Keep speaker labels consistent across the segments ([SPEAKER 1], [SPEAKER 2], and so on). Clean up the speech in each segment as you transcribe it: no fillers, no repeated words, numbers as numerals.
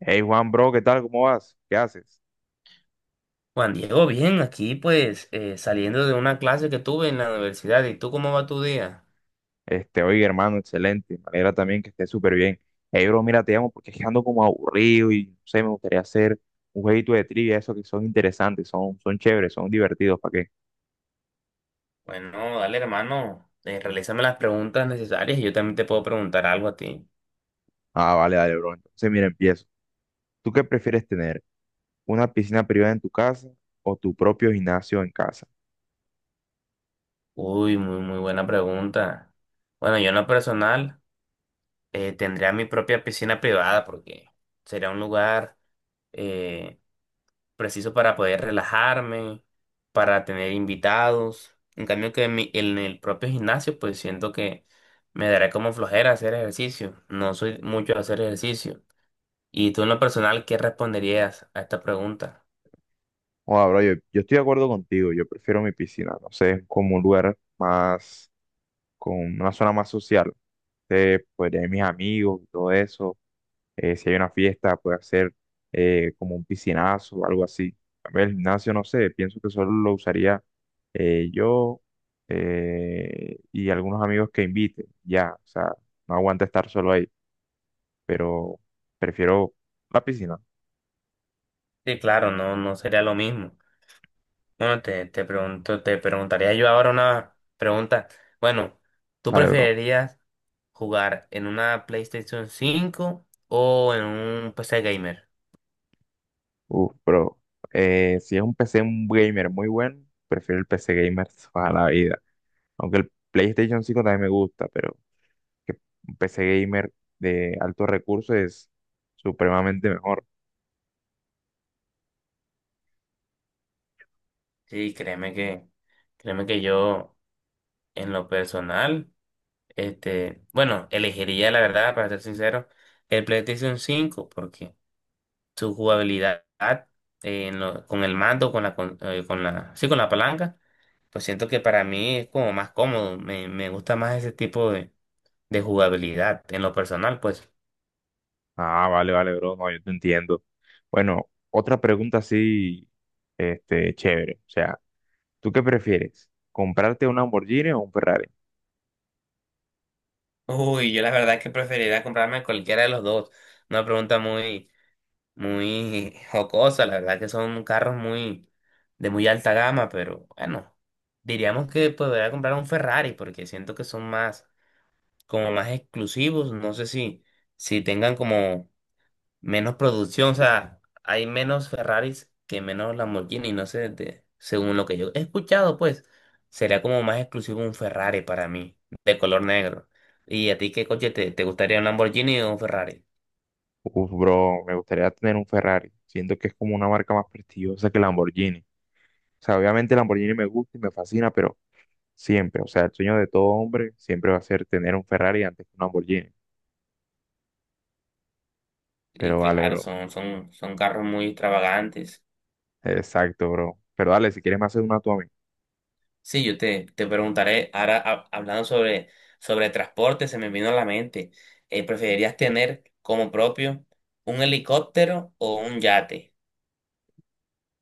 [SPEAKER 1] Hey Juan, bro, ¿qué tal? ¿Cómo vas? ¿Qué haces?
[SPEAKER 2] Juan Diego, bien, aquí pues saliendo de una clase que tuve en la universidad. ¿Y tú cómo va tu día?
[SPEAKER 1] Este, oye, hermano, excelente. Me alegra también que estés súper bien. Hey, bro, mira, te llamo porque es que ando como aburrido y no sé, me gustaría hacer un jueguito de trivia, esos que son interesantes, son chéveres, son divertidos, ¿para qué?
[SPEAKER 2] Bueno, dale hermano, realízame las preguntas necesarias y yo también te puedo preguntar algo a ti.
[SPEAKER 1] Ah, vale, dale, bro. Entonces, mira, empiezo. ¿Tú qué prefieres tener? ¿Una piscina privada en tu casa o tu propio gimnasio en casa?
[SPEAKER 2] Uy, muy, muy buena pregunta. Bueno, yo en lo personal tendría mi propia piscina privada porque sería un lugar, eh, preciso para poder relajarme, para tener invitados. En cambio que en el propio gimnasio, pues siento que me dará como flojera hacer ejercicio. No soy mucho de hacer ejercicio. Y tú en lo personal, ¿qué responderías a esta pregunta?
[SPEAKER 1] Joder, bro, yo estoy de acuerdo contigo. Yo prefiero mi piscina, no sé, como un lugar más, con una zona más social. Podría ir mis amigos y todo eso, si hay una fiesta, puede hacer, como un piscinazo o algo así. También el gimnasio, no sé, pienso que solo lo usaría, yo, y algunos amigos que invite, ya, o sea, no aguanta estar solo ahí, pero prefiero la piscina.
[SPEAKER 2] Sí, claro, no, no sería lo mismo. Bueno, te preguntaría yo ahora una pregunta. Bueno, ¿tú
[SPEAKER 1] Dale, bro.
[SPEAKER 2] preferirías jugar en una PlayStation 5 o en un PC gamer?
[SPEAKER 1] Uf, bro. Si es un PC un gamer muy bueno, prefiero el PC gamer toda la vida. Aunque el PlayStation 5 también me gusta, pero que un PC gamer de altos recursos es supremamente mejor.
[SPEAKER 2] Sí, créeme que yo. En lo personal, este, bueno, elegiría la verdad, para ser sincero, el PlayStation 5 porque su jugabilidad con el mando, con la, sí, con la palanca, pues siento que para mí es como más cómodo, me gusta más ese tipo de jugabilidad en lo personal, pues.
[SPEAKER 1] Ah, vale, vale, bro, no, yo te entiendo. Bueno, otra pregunta así, este, chévere. O sea, ¿tú qué prefieres? ¿Comprarte un Lamborghini o un Ferrari?
[SPEAKER 2] Uy, yo la verdad es que preferiría comprarme cualquiera de los dos. Una pregunta muy, muy jocosa, la verdad que son carros muy de muy alta gama, pero bueno, diríamos que podría comprar un Ferrari porque siento que son más como más exclusivos, no sé si tengan como menos producción, o sea, hay menos Ferraris que menos Lamborghini, no sé, según lo que yo he escuchado, pues sería como más exclusivo un Ferrari para mí, de color negro. ¿Y a ti qué coche te gustaría, un Lamborghini o un Ferrari?
[SPEAKER 1] Uf, bro, me gustaría tener un Ferrari. Siento que es como una marca más prestigiosa que el Lamborghini. O sea, obviamente el Lamborghini me gusta y me fascina, pero siempre, o sea, el sueño de todo hombre siempre va a ser tener un Ferrari antes que un Lamborghini.
[SPEAKER 2] Y
[SPEAKER 1] Pero vale,
[SPEAKER 2] claro,
[SPEAKER 1] bro.
[SPEAKER 2] son carros muy extravagantes.
[SPEAKER 1] Exacto, bro. Pero dale, si quieres me haces una tú a mí.
[SPEAKER 2] Sí, yo te preguntaré, ahora hablando sobre transporte, se me vino a la mente, ¿preferirías tener como propio un helicóptero o un yate?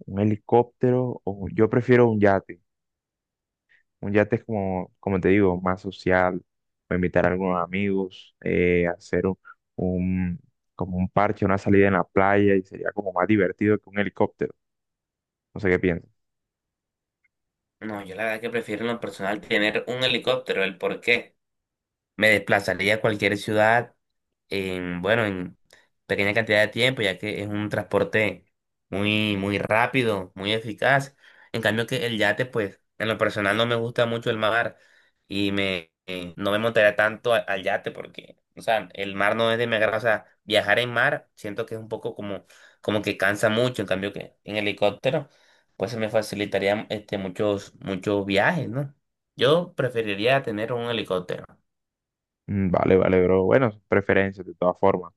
[SPEAKER 1] ¿Un helicóptero o yo prefiero un yate? Un yate es como, como te digo, más social, o invitar a algunos amigos, hacer un- como un parche, una salida en la playa y sería como más divertido que un helicóptero. No sé qué piensas.
[SPEAKER 2] No, yo la verdad que prefiero en lo personal tener un helicóptero. ¿El por qué? Me desplazaría a cualquier ciudad bueno, en pequeña cantidad de tiempo, ya que es un transporte muy, muy rápido, muy eficaz. En cambio que el yate, pues, en lo personal no me gusta mucho el mar y no me montaría tanto al yate porque, o sea, el mar no es de mi agrado. O sea, viajar en mar siento que es un poco como que cansa mucho. En cambio que en helicóptero, pues se me facilitaría este, muchos, muchos viajes, ¿no? Yo preferiría tener un helicóptero.
[SPEAKER 1] Mm, vale, vale, bro. Bueno, son preferencias de todas formas.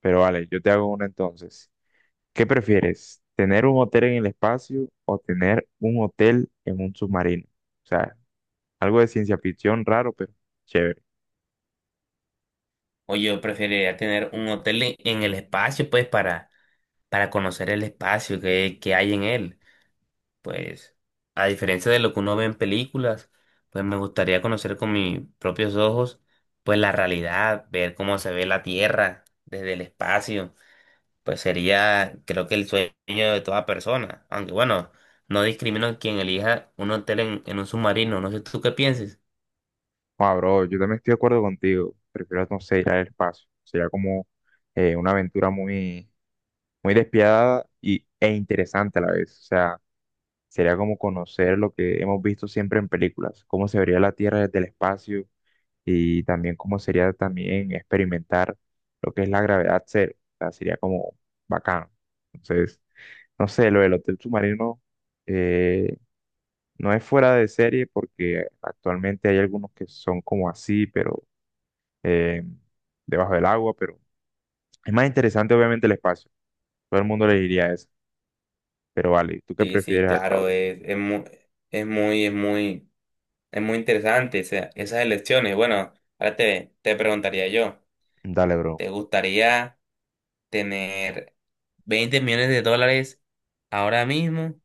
[SPEAKER 1] Pero vale, yo te hago una entonces. ¿Qué prefieres? ¿Tener un hotel en el espacio o tener un hotel en un submarino? O sea, algo de ciencia ficción raro, pero chévere.
[SPEAKER 2] O yo preferiría tener un hotel en el espacio, pues, para conocer el espacio que hay en él. Pues, a diferencia de lo que uno ve en películas, pues me gustaría conocer con mis propios ojos, pues, la realidad, ver cómo se ve la Tierra desde el espacio. Pues sería, creo que el sueño de toda persona. Aunque bueno, no discrimino a quien elija un hotel en un submarino. No sé tú qué pienses.
[SPEAKER 1] Ah, bro, yo también estoy de acuerdo contigo. Prefiero, no sé, ir al espacio. Sería como, una aventura muy, muy despiadada e interesante a la vez. O sea, sería como conocer lo que hemos visto siempre en películas, cómo se vería la Tierra desde el espacio y también cómo sería también experimentar lo que es la gravedad cero. O sea, sería como bacano. Entonces, no sé, lo del hotel submarino, eh, no es fuera de serie porque actualmente hay algunos que son como así, pero, eh, debajo del agua, pero es más interesante obviamente el espacio. Todo el mundo le diría eso. Pero vale, ¿tú qué
[SPEAKER 2] Sí, sí,
[SPEAKER 1] prefieres acá,
[SPEAKER 2] claro,
[SPEAKER 1] bro?
[SPEAKER 2] es muy. Es muy interesante esas elecciones. Bueno, ahora te preguntaría yo,
[SPEAKER 1] Dale, bro.
[SPEAKER 2] ¿te gustaría tener 20 millones de dólares ahora mismo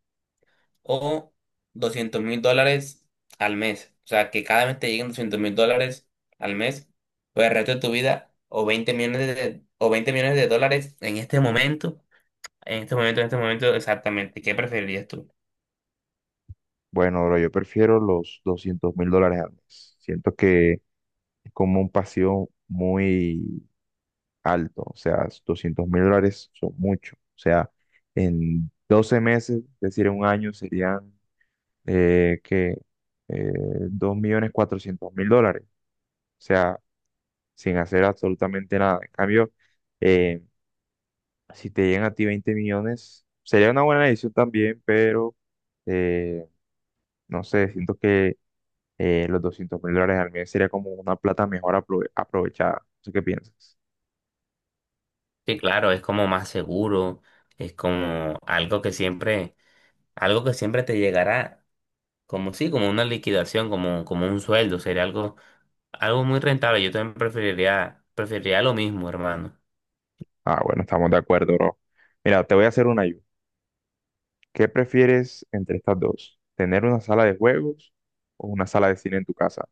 [SPEAKER 2] o 200.000 dólares al mes? O sea, que cada vez te lleguen 200.000 dólares al mes por el resto de tu vida o 20 millones de dólares en este momento, en este momento, en este momento exactamente. ¿Qué preferirías tú?
[SPEAKER 1] Bueno, bro, yo prefiero los $200.000 al mes. Siento que es como un pasivo muy alto. O sea, $200.000 son mucho. O sea, en 12 meses, es decir, en un año serían, que, eh, $2.400.000. O sea, sin hacer absolutamente nada. En cambio, eh, si te llegan a ti 20 millones, sería una buena decisión también, pero, eh, no sé, siento que, los $200.000 al mes sería como una plata mejor aprovechada. No sé. ¿Qué piensas?
[SPEAKER 2] Sí, claro, es como más seguro, es como algo que siempre te llegará como sí, como una liquidación, como un sueldo, sería algo muy rentable. Yo también preferiría lo mismo, hermano.
[SPEAKER 1] Ah, bueno, estamos de acuerdo, bro. Mira, te voy a hacer una ayuda. ¿Qué prefieres entre estas dos? ¿Tener una sala de juegos o una sala de cine en tu casa?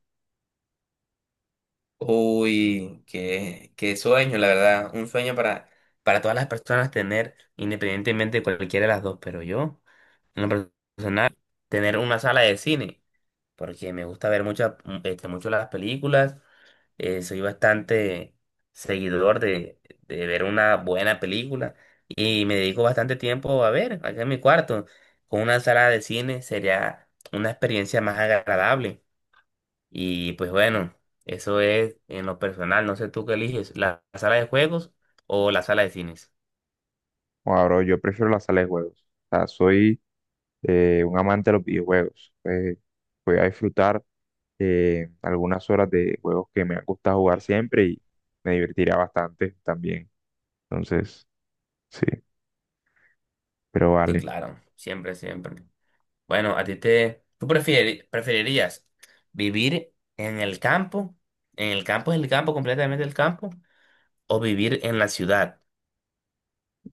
[SPEAKER 2] Uy, qué, qué sueño, la verdad. Un sueño para todas las personas tener, independientemente de cualquiera de las dos, pero yo, en lo personal, tener una sala de cine, porque me gusta ver este, mucho las películas. Soy bastante seguidor de ver una buena película y me dedico bastante tiempo a ver acá en mi cuarto. Con una sala de cine sería una experiencia más agradable. Y pues bueno, eso es en lo personal. No sé tú qué eliges, la sala de juegos o la sala de cines.
[SPEAKER 1] O bro, yo prefiero la sala de juegos. O sea, soy, un amante de los videojuegos. Voy a disfrutar, algunas horas de juegos que me han gustado jugar siempre y me divertirá bastante también. Entonces, sí, pero
[SPEAKER 2] Sí,
[SPEAKER 1] vale.
[SPEAKER 2] claro, siempre, siempre. Bueno, ¿Tú preferirías vivir en el campo? ¿En el campo, en el campo, completamente el campo? ¿O vivir en la ciudad?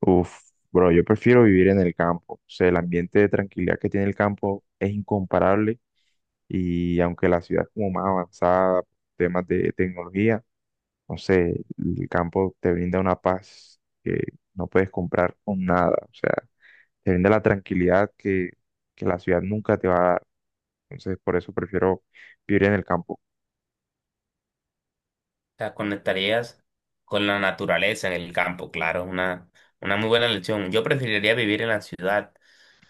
[SPEAKER 1] Uf, bro, yo prefiero vivir en el campo. O sea, el ambiente de tranquilidad que tiene el campo es incomparable y aunque la ciudad es como más avanzada, temas de tecnología, no sé, el campo te brinda una paz que no puedes comprar con nada. O sea, te brinda la tranquilidad que la ciudad nunca te va a dar. Entonces, por eso prefiero vivir en el campo.
[SPEAKER 2] Sea, conectarías con la naturaleza en el campo, claro, es una muy buena lección. Yo preferiría vivir en la ciudad,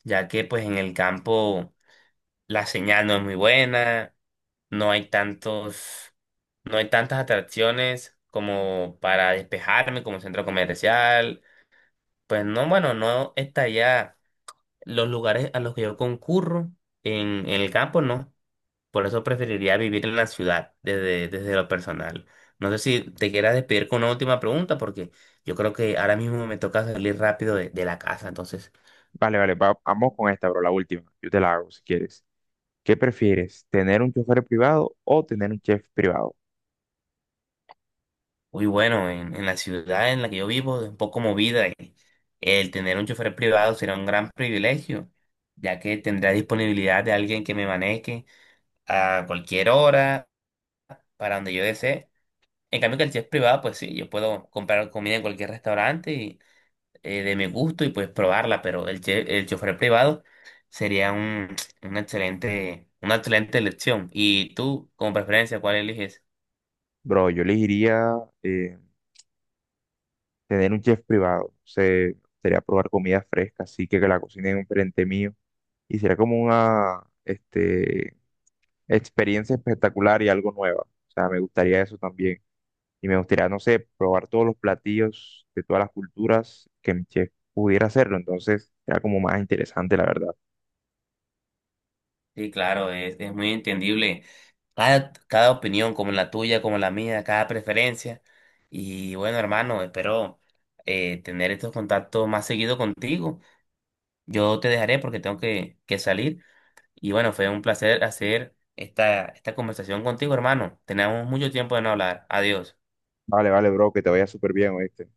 [SPEAKER 2] ya que pues en el campo la señal no es muy buena, no hay tantos, no hay tantas atracciones como para despejarme como centro comercial. Pues no, bueno, no estaría los lugares a los que yo concurro en el campo, no. Por eso preferiría vivir en la ciudad desde, lo personal. No sé si te quieras despedir con una última pregunta, porque yo creo que ahora mismo me toca salir rápido de la casa. Entonces,
[SPEAKER 1] Vale, vale, vamos con esta, bro, la última. Yo te la hago si quieres. ¿Qué prefieres, tener un chofer privado o tener un chef privado?
[SPEAKER 2] muy bueno, en la ciudad en la que yo vivo es un poco movida y el tener un chofer privado será un gran privilegio, ya que tendrá disponibilidad de alguien que me maneje a cualquier hora, para donde yo desee. En cambio que el chef privado, pues sí, yo puedo comprar comida en cualquier restaurante de mi gusto y pues probarla, pero el chofer privado sería una excelente elección. ¿Y tú, como preferencia, cuál eliges?
[SPEAKER 1] Bro, yo elegiría, eh, tener un chef privado. Se sería probar comida fresca, así que la cocinen enfrente mío. Y sería como una experiencia espectacular y algo nueva. O sea, me gustaría eso también. Y me gustaría, no sé, probar todos los platillos de todas las culturas que mi chef pudiera hacerlo. Entonces, era como más interesante, la verdad.
[SPEAKER 2] Sí, claro, es muy entendible cada opinión, como la tuya, como la mía, cada preferencia. Y bueno, hermano, espero tener estos contactos más seguido contigo. Yo te dejaré porque tengo que salir. Y bueno, fue un placer hacer esta conversación contigo, hermano. Tenemos mucho tiempo de no hablar. Adiós.
[SPEAKER 1] Vale, vale, bro, que te vaya súper bien, ¿oíste?